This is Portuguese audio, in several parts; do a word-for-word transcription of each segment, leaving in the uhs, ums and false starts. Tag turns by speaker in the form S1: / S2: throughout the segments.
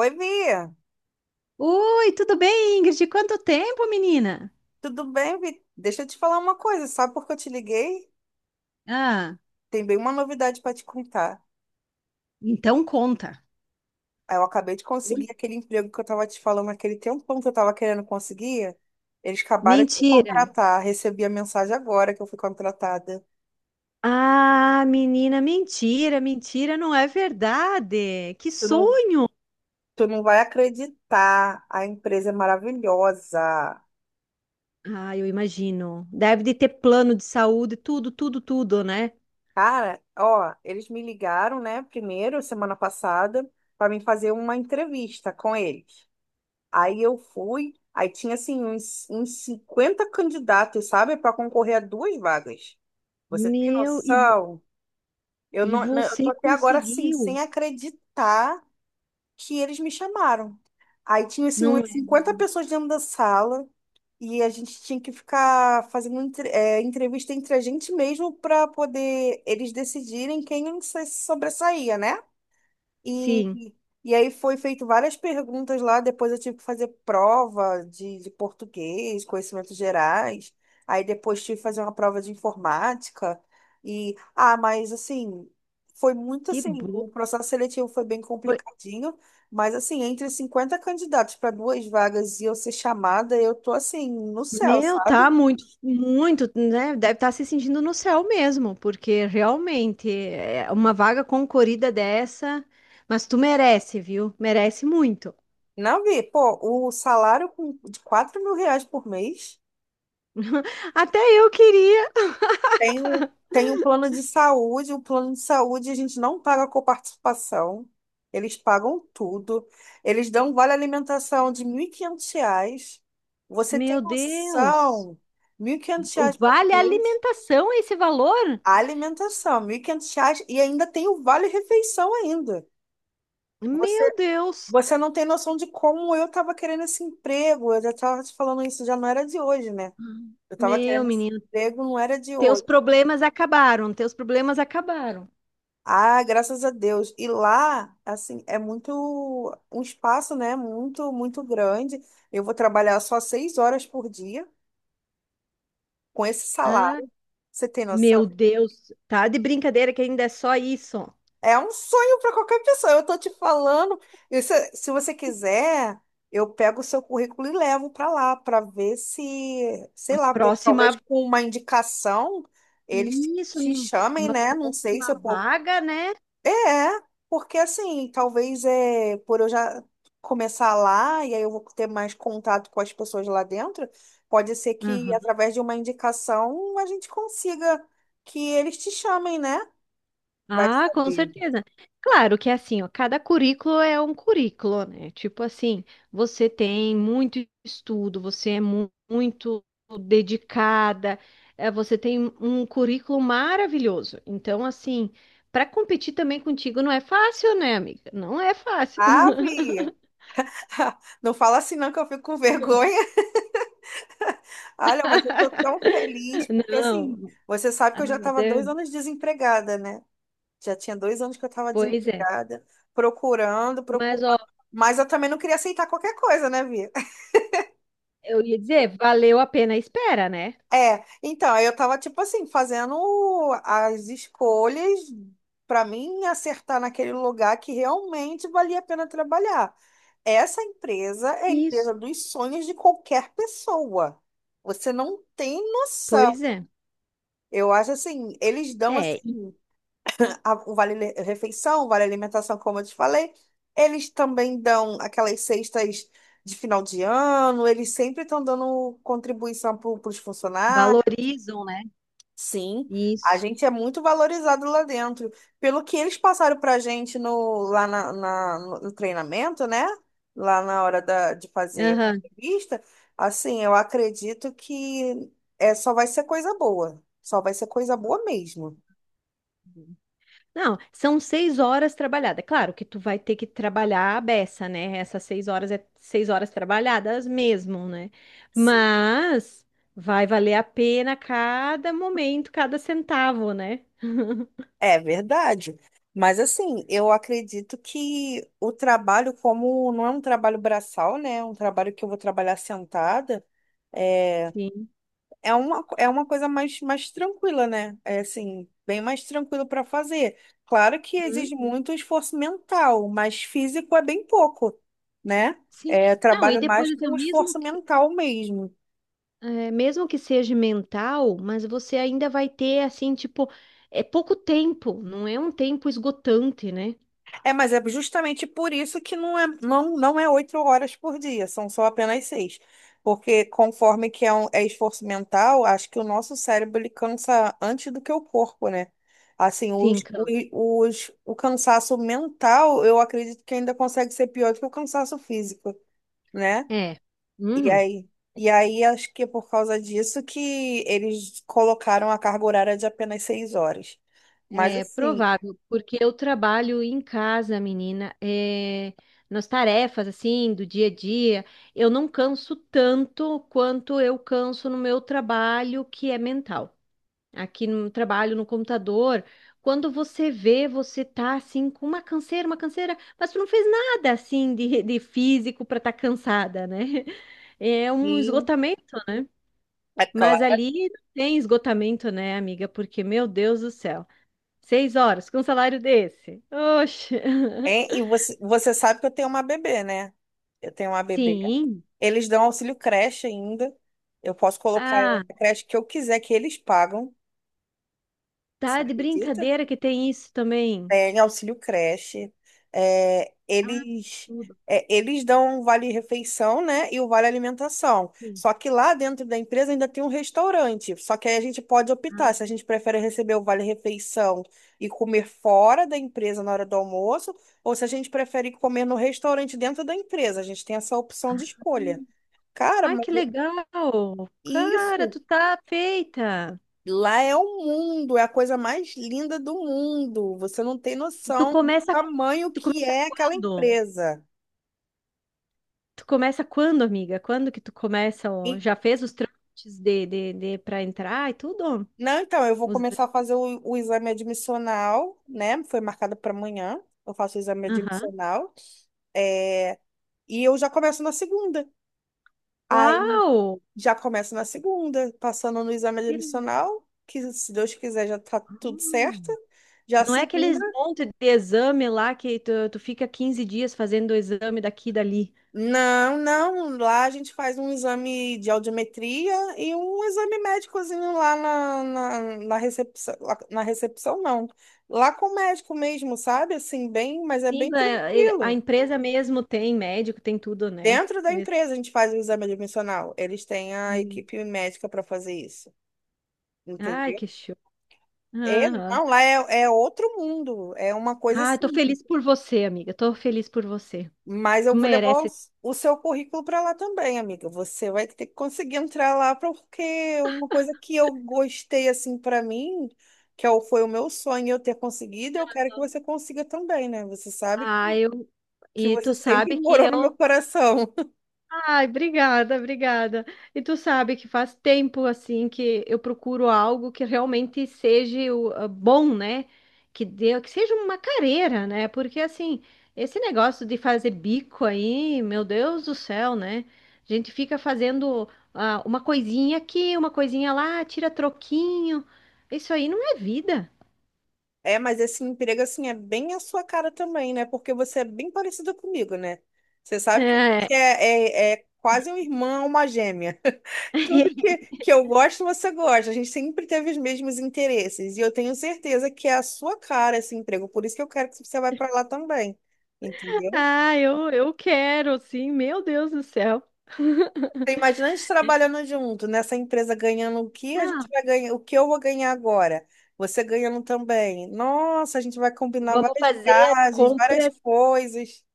S1: Oi, Bia.
S2: Oi, tudo bem, Ingrid? Quanto tempo, menina?
S1: Tudo bem, Vi? Deixa eu te falar uma coisa. Sabe por que eu te liguei?
S2: Ah,
S1: Tem bem uma novidade para te contar.
S2: então conta.
S1: Ah, eu acabei de
S2: Oi?
S1: conseguir aquele emprego que eu estava te falando aquele tempão que eu estava querendo conseguir. Eles acabaram de me
S2: Mentira.
S1: contratar. Recebi a mensagem agora que eu fui contratada.
S2: Ah, menina, mentira, mentira, não é verdade. Que
S1: Tu não,
S2: sonho!
S1: tu não vai acreditar. A empresa é maravilhosa.
S2: Ah, eu imagino. Deve de ter plano de saúde, tudo, tudo, tudo, né?
S1: Cara, ó, eles me ligaram, né, primeiro, semana passada, para mim fazer uma entrevista com eles. Aí eu fui, aí tinha assim uns, uns cinquenta candidatos, sabe, para concorrer a duas vagas. Você tem
S2: Meu, e, vo-
S1: noção? Eu
S2: e
S1: não, não- eu tô
S2: você
S1: até agora assim,
S2: conseguiu,
S1: sem acreditar que eles me chamaram. Aí tinha assim
S2: não
S1: umas
S2: é?
S1: cinquenta pessoas dentro da sala e a gente tinha que ficar fazendo entre- é, entrevista entre a gente mesmo para poder eles decidirem quem se sobressaía, né?
S2: Sim,
S1: E, e aí foi feito várias perguntas lá, depois eu tive que fazer prova de, de português, conhecimentos gerais, aí depois tive que fazer uma prova de informática, e, ah, mas assim, foi muito
S2: que
S1: assim,
S2: bom.
S1: o processo seletivo foi bem complicadinho, mas assim, entre cinquenta candidatos para duas vagas e eu ser chamada, eu tô assim, no céu,
S2: Meu,
S1: sabe?
S2: tá muito, muito, né? Deve estar se sentindo no céu mesmo, porque realmente é uma vaga concorrida dessa, mas tu merece, viu? Merece muito.
S1: Não vi, pô, o salário com- de quatro mil reais por mês.
S2: Até eu queria.
S1: Tem um, tem um plano de saúde, o plano de saúde a gente não paga coparticipação, eles pagam tudo, eles dão um vale alimentação de mil e quinhentos reais, você tem
S2: Meu Deus.
S1: noção, mil e quinhentos
S2: O
S1: reais por
S2: vale a
S1: mês,
S2: alimentação é esse valor?
S1: alimentação, mil e quinhentos reais e ainda tem o vale refeição ainda. Você,
S2: Meu Deus.
S1: você não tem noção de como eu estava querendo esse emprego, eu já estava te falando isso, já não era de hoje, né? Eu estava
S2: Meu
S1: querendo esse
S2: menino,
S1: emprego, não era de
S2: teus
S1: hoje.
S2: problemas acabaram, teus problemas acabaram.
S1: Ah, graças a Deus. E lá, assim, é muito, um espaço, né? Muito, muito grande. Eu vou trabalhar só seis horas por dia com esse
S2: Ah,
S1: salário. Você tem noção?
S2: meu Deus, tá de brincadeira que ainda é só isso.
S1: É um sonho para qualquer pessoa. Eu tô te falando. E se, se você quiser, eu pego o seu currículo e levo para lá para ver se, sei lá, de- talvez
S2: Próxima.
S1: com uma indicação eles
S2: Isso,
S1: te
S2: num-
S1: chamem,
S2: uma
S1: né? Não sei se
S2: próxima
S1: eu.
S2: vaga, né?
S1: É, porque assim, talvez é por eu já começar lá e aí eu vou ter mais contato com as pessoas lá dentro, pode ser que
S2: Aham.
S1: através de uma indicação a gente consiga que eles te chamem, né? Vai
S2: Ah, com
S1: saber.
S2: certeza. Claro que é assim, ó, cada currículo é um currículo, né? Tipo assim, você tem muito estudo, você é mu- muito dedicada, eh, você tem um currículo maravilhoso. Então, assim, para competir também contigo não é fácil, né, amiga? Não é fácil.
S1: Ave! Não fala assim não que eu fico com vergonha. Olha, mas eu tô tão feliz, porque assim,
S2: Não.
S1: você sabe que
S2: Ah,
S1: eu já
S2: mas
S1: estava
S2: é,
S1: dois anos desempregada, né? Já tinha dois anos que eu estava
S2: pois é.
S1: desempregada, procurando,
S2: Mas ó,
S1: procurando. Mas eu também não queria aceitar qualquer coisa, né, Vi?
S2: eu ia dizer, valeu a pena a espera, né?
S1: É, então, aí eu tava, tipo assim, fazendo as escolhas para mim acertar naquele lugar que realmente valia a pena trabalhar. Essa empresa é a empresa
S2: Isso.
S1: dos sonhos de qualquer pessoa. Você não tem noção.
S2: Pois é.
S1: Eu acho assim, eles dão
S2: É, e
S1: a- o vale refeição, o vale alimentação, como eu te falei. Eles também dão aquelas cestas de final de ano, eles sempre estão dando contribuição para os funcionários.
S2: valorizam, né?
S1: Sim, a
S2: Isso.
S1: gente é muito valorizado lá dentro. Pelo que eles passaram para a gente no, lá na, na- no no treinamento, né? Lá na hora da, de fazer
S2: Aham.
S1: a entrevista, assim, eu acredito que é, só vai ser coisa boa. Só vai ser coisa boa mesmo.
S2: Não, são seis horas trabalhadas. Claro que tu vai ter que trabalhar a beça, né? Essas seis horas é seis horas trabalhadas mesmo, né? Mas vai valer a pena cada momento, cada centavo, né?
S1: É verdade. Mas assim, eu acredito que o trabalho, como não é um trabalho braçal, né? É um trabalho que eu vou trabalhar sentada, é,
S2: Sim.
S1: é uma, co- é uma coisa mais, mais tranquila, né? É assim, bem mais tranquilo para fazer. Claro que exige
S2: Uhum.
S1: muito esforço mental, mas físico é bem pouco, né?
S2: Sim.
S1: É, eu
S2: Não, e
S1: trabalho mais
S2: depois, assim, ó,
S1: com
S2: mesmo
S1: esforço
S2: que,
S1: mental mesmo.
S2: é, mesmo que seja mental, mas você ainda vai ter, assim, tipo, é pouco tempo, não é um tempo esgotante, né?
S1: É, mas é justamente por isso que não é, não, não é oito horas por dia, são só apenas seis. Porque conforme que é, um- é esforço mental, acho que o nosso cérebro ele cansa antes do que o corpo, né? Assim,
S2: Sim,
S1: os,
S2: câncer.
S1: o, os, o cansaço mental, eu acredito que ainda consegue ser pior do que o cansaço físico, né?
S2: É.
S1: E
S2: Uhum.
S1: aí, e aí acho que é por causa disso que eles colocaram a carga horária de apenas seis horas. Mas
S2: É
S1: assim,
S2: provável, porque eu trabalho em casa, menina, é, nas tarefas, assim, do dia a dia, eu não canso tanto quanto eu canso no meu trabalho, que é mental. Aqui no trabalho, no computador, quando você vê, você tá, assim, com uma canseira, uma canseira, mas tu não fez nada, assim, de, de físico para estar tá cansada, né? É um
S1: e-
S2: esgotamento, né?
S1: é
S2: Mas
S1: claro.
S2: ali não tem esgotamento, né, amiga? Porque, meu Deus do céu, seis horas com um salário desse. Oxe.
S1: Hein? E você, você sabe que eu tenho uma bebê, né? Eu tenho uma bebê.
S2: Sim.
S1: Eles dão auxílio creche ainda. Eu posso colocar
S2: Ah,
S1: a creche que eu quiser, que eles pagam. Você
S2: tá de
S1: acredita?
S2: brincadeira que tem isso também.
S1: Tem auxílio creche. É,
S2: Ah,
S1: eles,
S2: tudo.
S1: é, eles dão um vale-refeição, né? E o vale-alimentação.
S2: Sim.
S1: Só que lá dentro da empresa ainda tem um restaurante. Só que aí a gente pode optar se
S2: Ah.
S1: a gente prefere receber o vale-refeição e comer fora da empresa na hora do almoço, ou se a gente prefere comer no restaurante dentro da empresa. A gente tem essa opção de escolha. Cara,
S2: Ai, que
S1: mas eu-
S2: legal. Cara,
S1: isso.
S2: tu tá feita.
S1: Lá é o mundo, é a coisa mais linda do mundo. Você não tem
S2: E tu
S1: noção do
S2: começa,
S1: tamanho
S2: tu
S1: que
S2: começa
S1: é aquela
S2: quando?
S1: empresa.
S2: Tu começa quando, amiga? Quando que tu começa? Ó?
S1: E-
S2: Já fez os trâmites de, de, de para entrar e tudo?
S1: não, então, eu vou
S2: Os.
S1: começar a fazer o, o exame admissional, né? Foi marcado para amanhã. Eu faço o exame
S2: Aham.
S1: admissional. É, e eu já começo na segunda. Aí
S2: Uau!
S1: já começo na segunda, passando no exame admissional, que se Deus quiser já tá tudo certo.
S2: Hum.
S1: Já a
S2: Não é
S1: segunda.
S2: aqueles monte de exame lá que tu, tu fica quinze dias fazendo o exame daqui e dali.
S1: Não, não. Lá a gente faz um exame de audiometria e um exame médicozinho lá na, na, na recepção. lá- Na recepção, não. Lá com o médico mesmo, sabe? Assim, bem, mas é
S2: Sim,
S1: bem
S2: a, ele- a
S1: tranquilo.
S2: empresa mesmo tem médico, tem tudo, né?
S1: Dentro da empresa a gente faz o exame admissional. Eles têm a
S2: Sim.
S1: equipe médica para fazer isso.
S2: Ai,
S1: Entendeu?
S2: que show.
S1: É,
S2: Aham.
S1: não, lá é, é outro mundo. É uma coisa
S2: Ah, eu tô
S1: assim.
S2: feliz por você, amiga. Tô feliz por você.
S1: Mas
S2: Tu
S1: eu vou levar o,
S2: merece.
S1: o seu currículo para lá também, amiga. Você vai ter que conseguir entrar lá, porque uma coisa que eu gostei, assim, para mim, que é o- foi o meu sonho eu ter conseguido, eu quero que você consiga também, né? Você sabe
S2: Ah,
S1: que,
S2: eu.
S1: que
S2: E tu
S1: você sempre
S2: sabe que
S1: morou no meu
S2: eu.
S1: coração.
S2: Ai, obrigada, obrigada. E tu sabe que faz tempo assim que eu procuro algo que realmente seja o- ah, bom, né? Que dê, que seja uma carreira, né? Porque assim, esse negócio de fazer bico aí, meu Deus do céu, né? A gente fica fazendo ah, uma coisinha aqui, uma coisinha lá, tira troquinho. Isso aí não é vida,
S1: É, mas esse emprego, assim, é bem a sua cara também, né? Porque você é bem parecida comigo, né? Você sabe que
S2: né?
S1: você é, é, é quase uma irmã, uma gêmea. Tudo que, que eu gosto, você gosta. A gente sempre teve os mesmos interesses. E eu tenho certeza que é a sua cara esse emprego. Por isso que eu quero que você vá para lá também. Entendeu?
S2: Ah, eu, eu quero, sim, meu Deus do céu.
S1: Você imagina a gente trabalhando junto, nessa empresa ganhando o que a
S2: Não,
S1: gente vai ganhar, o que eu vou ganhar agora. Você ganhando também. Nossa, a gente vai combinar
S2: vamos
S1: várias
S2: fazer
S1: viagens, várias
S2: compras
S1: coisas.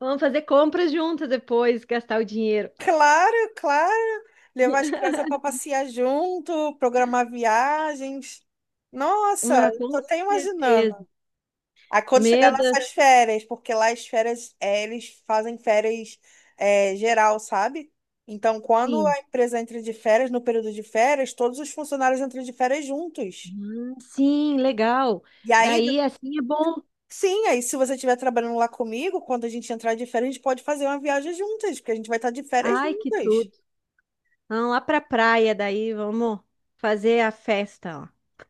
S2: Vamos fazer compras juntas depois, gastar o dinheiro.
S1: Claro, claro. Levar as crianças para passear junto, programar viagens. Nossa,
S2: Ah,
S1: eu tô
S2: com
S1: até imaginando.
S2: certeza.
S1: Aí quando chegar
S2: Meu Deus,
S1: nossas férias, porque lá as férias, é, eles fazem férias, é, geral, sabe? Então, quando
S2: sim.
S1: a empresa entra de férias, no período de férias, todos os funcionários entram de férias juntos.
S2: Hum, sim, legal.
S1: E aí,
S2: Daí assim é bom.
S1: sim, aí se você estiver trabalhando lá comigo, quando a gente entrar de férias, a gente pode fazer uma viagem juntas, porque a gente vai estar de férias
S2: Ai, que
S1: juntas.
S2: tudo. Vamos lá pra praia, daí vamos fazer a festa, ó.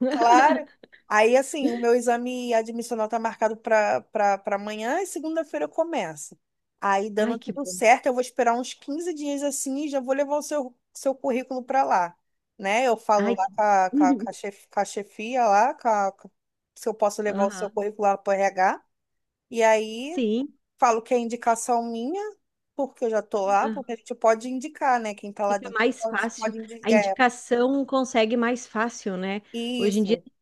S1: Claro. Aí, assim, o meu exame admissional tá marcado para para amanhã e segunda-feira eu começo. Aí,
S2: Ai,
S1: dando
S2: que
S1: tudo
S2: bom.
S1: certo, eu vou esperar uns quinze dias assim e já vou levar o seu, seu currículo para lá, né? Eu falo
S2: Ai,
S1: lá
S2: que
S1: com
S2: bom.
S1: a, com a, com a chef- com a chefia lá, com a- com- se eu posso levar o seu
S2: Aham.
S1: currículo lá para R H. E aí,
S2: Sim,
S1: falo que é indicação minha, porque eu já tô lá, porque a
S2: ah,
S1: gente pode indicar, né? Quem tá lá
S2: fica
S1: dentro
S2: mais
S1: pode,
S2: fácil.
S1: pode
S2: A
S1: indicar. É,
S2: indicação consegue mais fácil, né? Hoje em dia
S1: isso.
S2: tem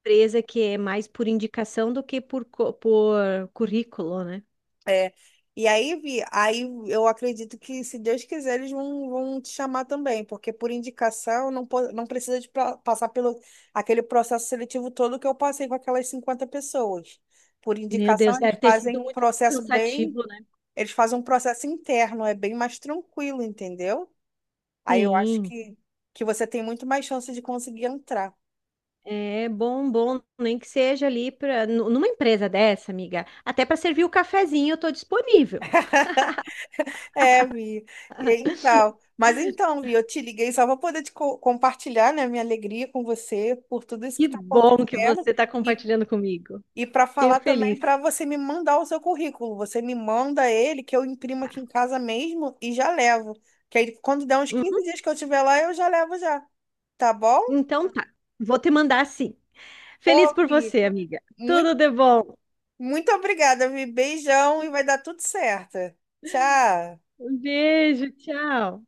S2: empresa que é mais por, indicação do que por, co- por currículo, né?
S1: É, e aí, Vi, aí eu acredito que, se Deus quiser, eles vão, vão te chamar também, porque por indicação não, po- não precisa de pra- passar pelo aquele processo seletivo todo que eu passei com aquelas cinquenta pessoas. Por
S2: Meu
S1: indicação,
S2: Deus,
S1: eles
S2: deve ter
S1: fazem
S2: sido
S1: um
S2: muito
S1: processo bem,
S2: cansativo, né?
S1: eles fazem um processo interno, é bem mais tranquilo, entendeu? Aí eu acho
S2: Sim,
S1: que, que você tem muito mais chance de conseguir entrar.
S2: é bom, bom, nem que seja ali para numa empresa dessa, amiga. Até para servir o cafezinho, eu tô disponível.
S1: É, Vi. E aí, Então, mas então, Vi, eu te liguei só para poder te co- compartilhar, né, minha alegria com você por tudo isso que
S2: Que
S1: está
S2: bom que
S1: acontecendo
S2: você está
S1: e,
S2: compartilhando comigo.
S1: e para
S2: Fiquei
S1: falar também
S2: feliz.
S1: para você me mandar o seu currículo. Você me manda ele, que eu imprimo aqui em casa mesmo e já levo. Que aí, quando der uns
S2: Uhum.
S1: quinze dias que eu estiver lá, eu já levo já. Tá bom?
S2: Então tá, vou te mandar sim. Feliz
S1: Pô,
S2: por
S1: Vi,
S2: você, amiga. Tudo
S1: muito,
S2: de bom.
S1: muito obrigada, Vi. Beijão e vai dar tudo certo. Tchau.
S2: Um beijo, tchau.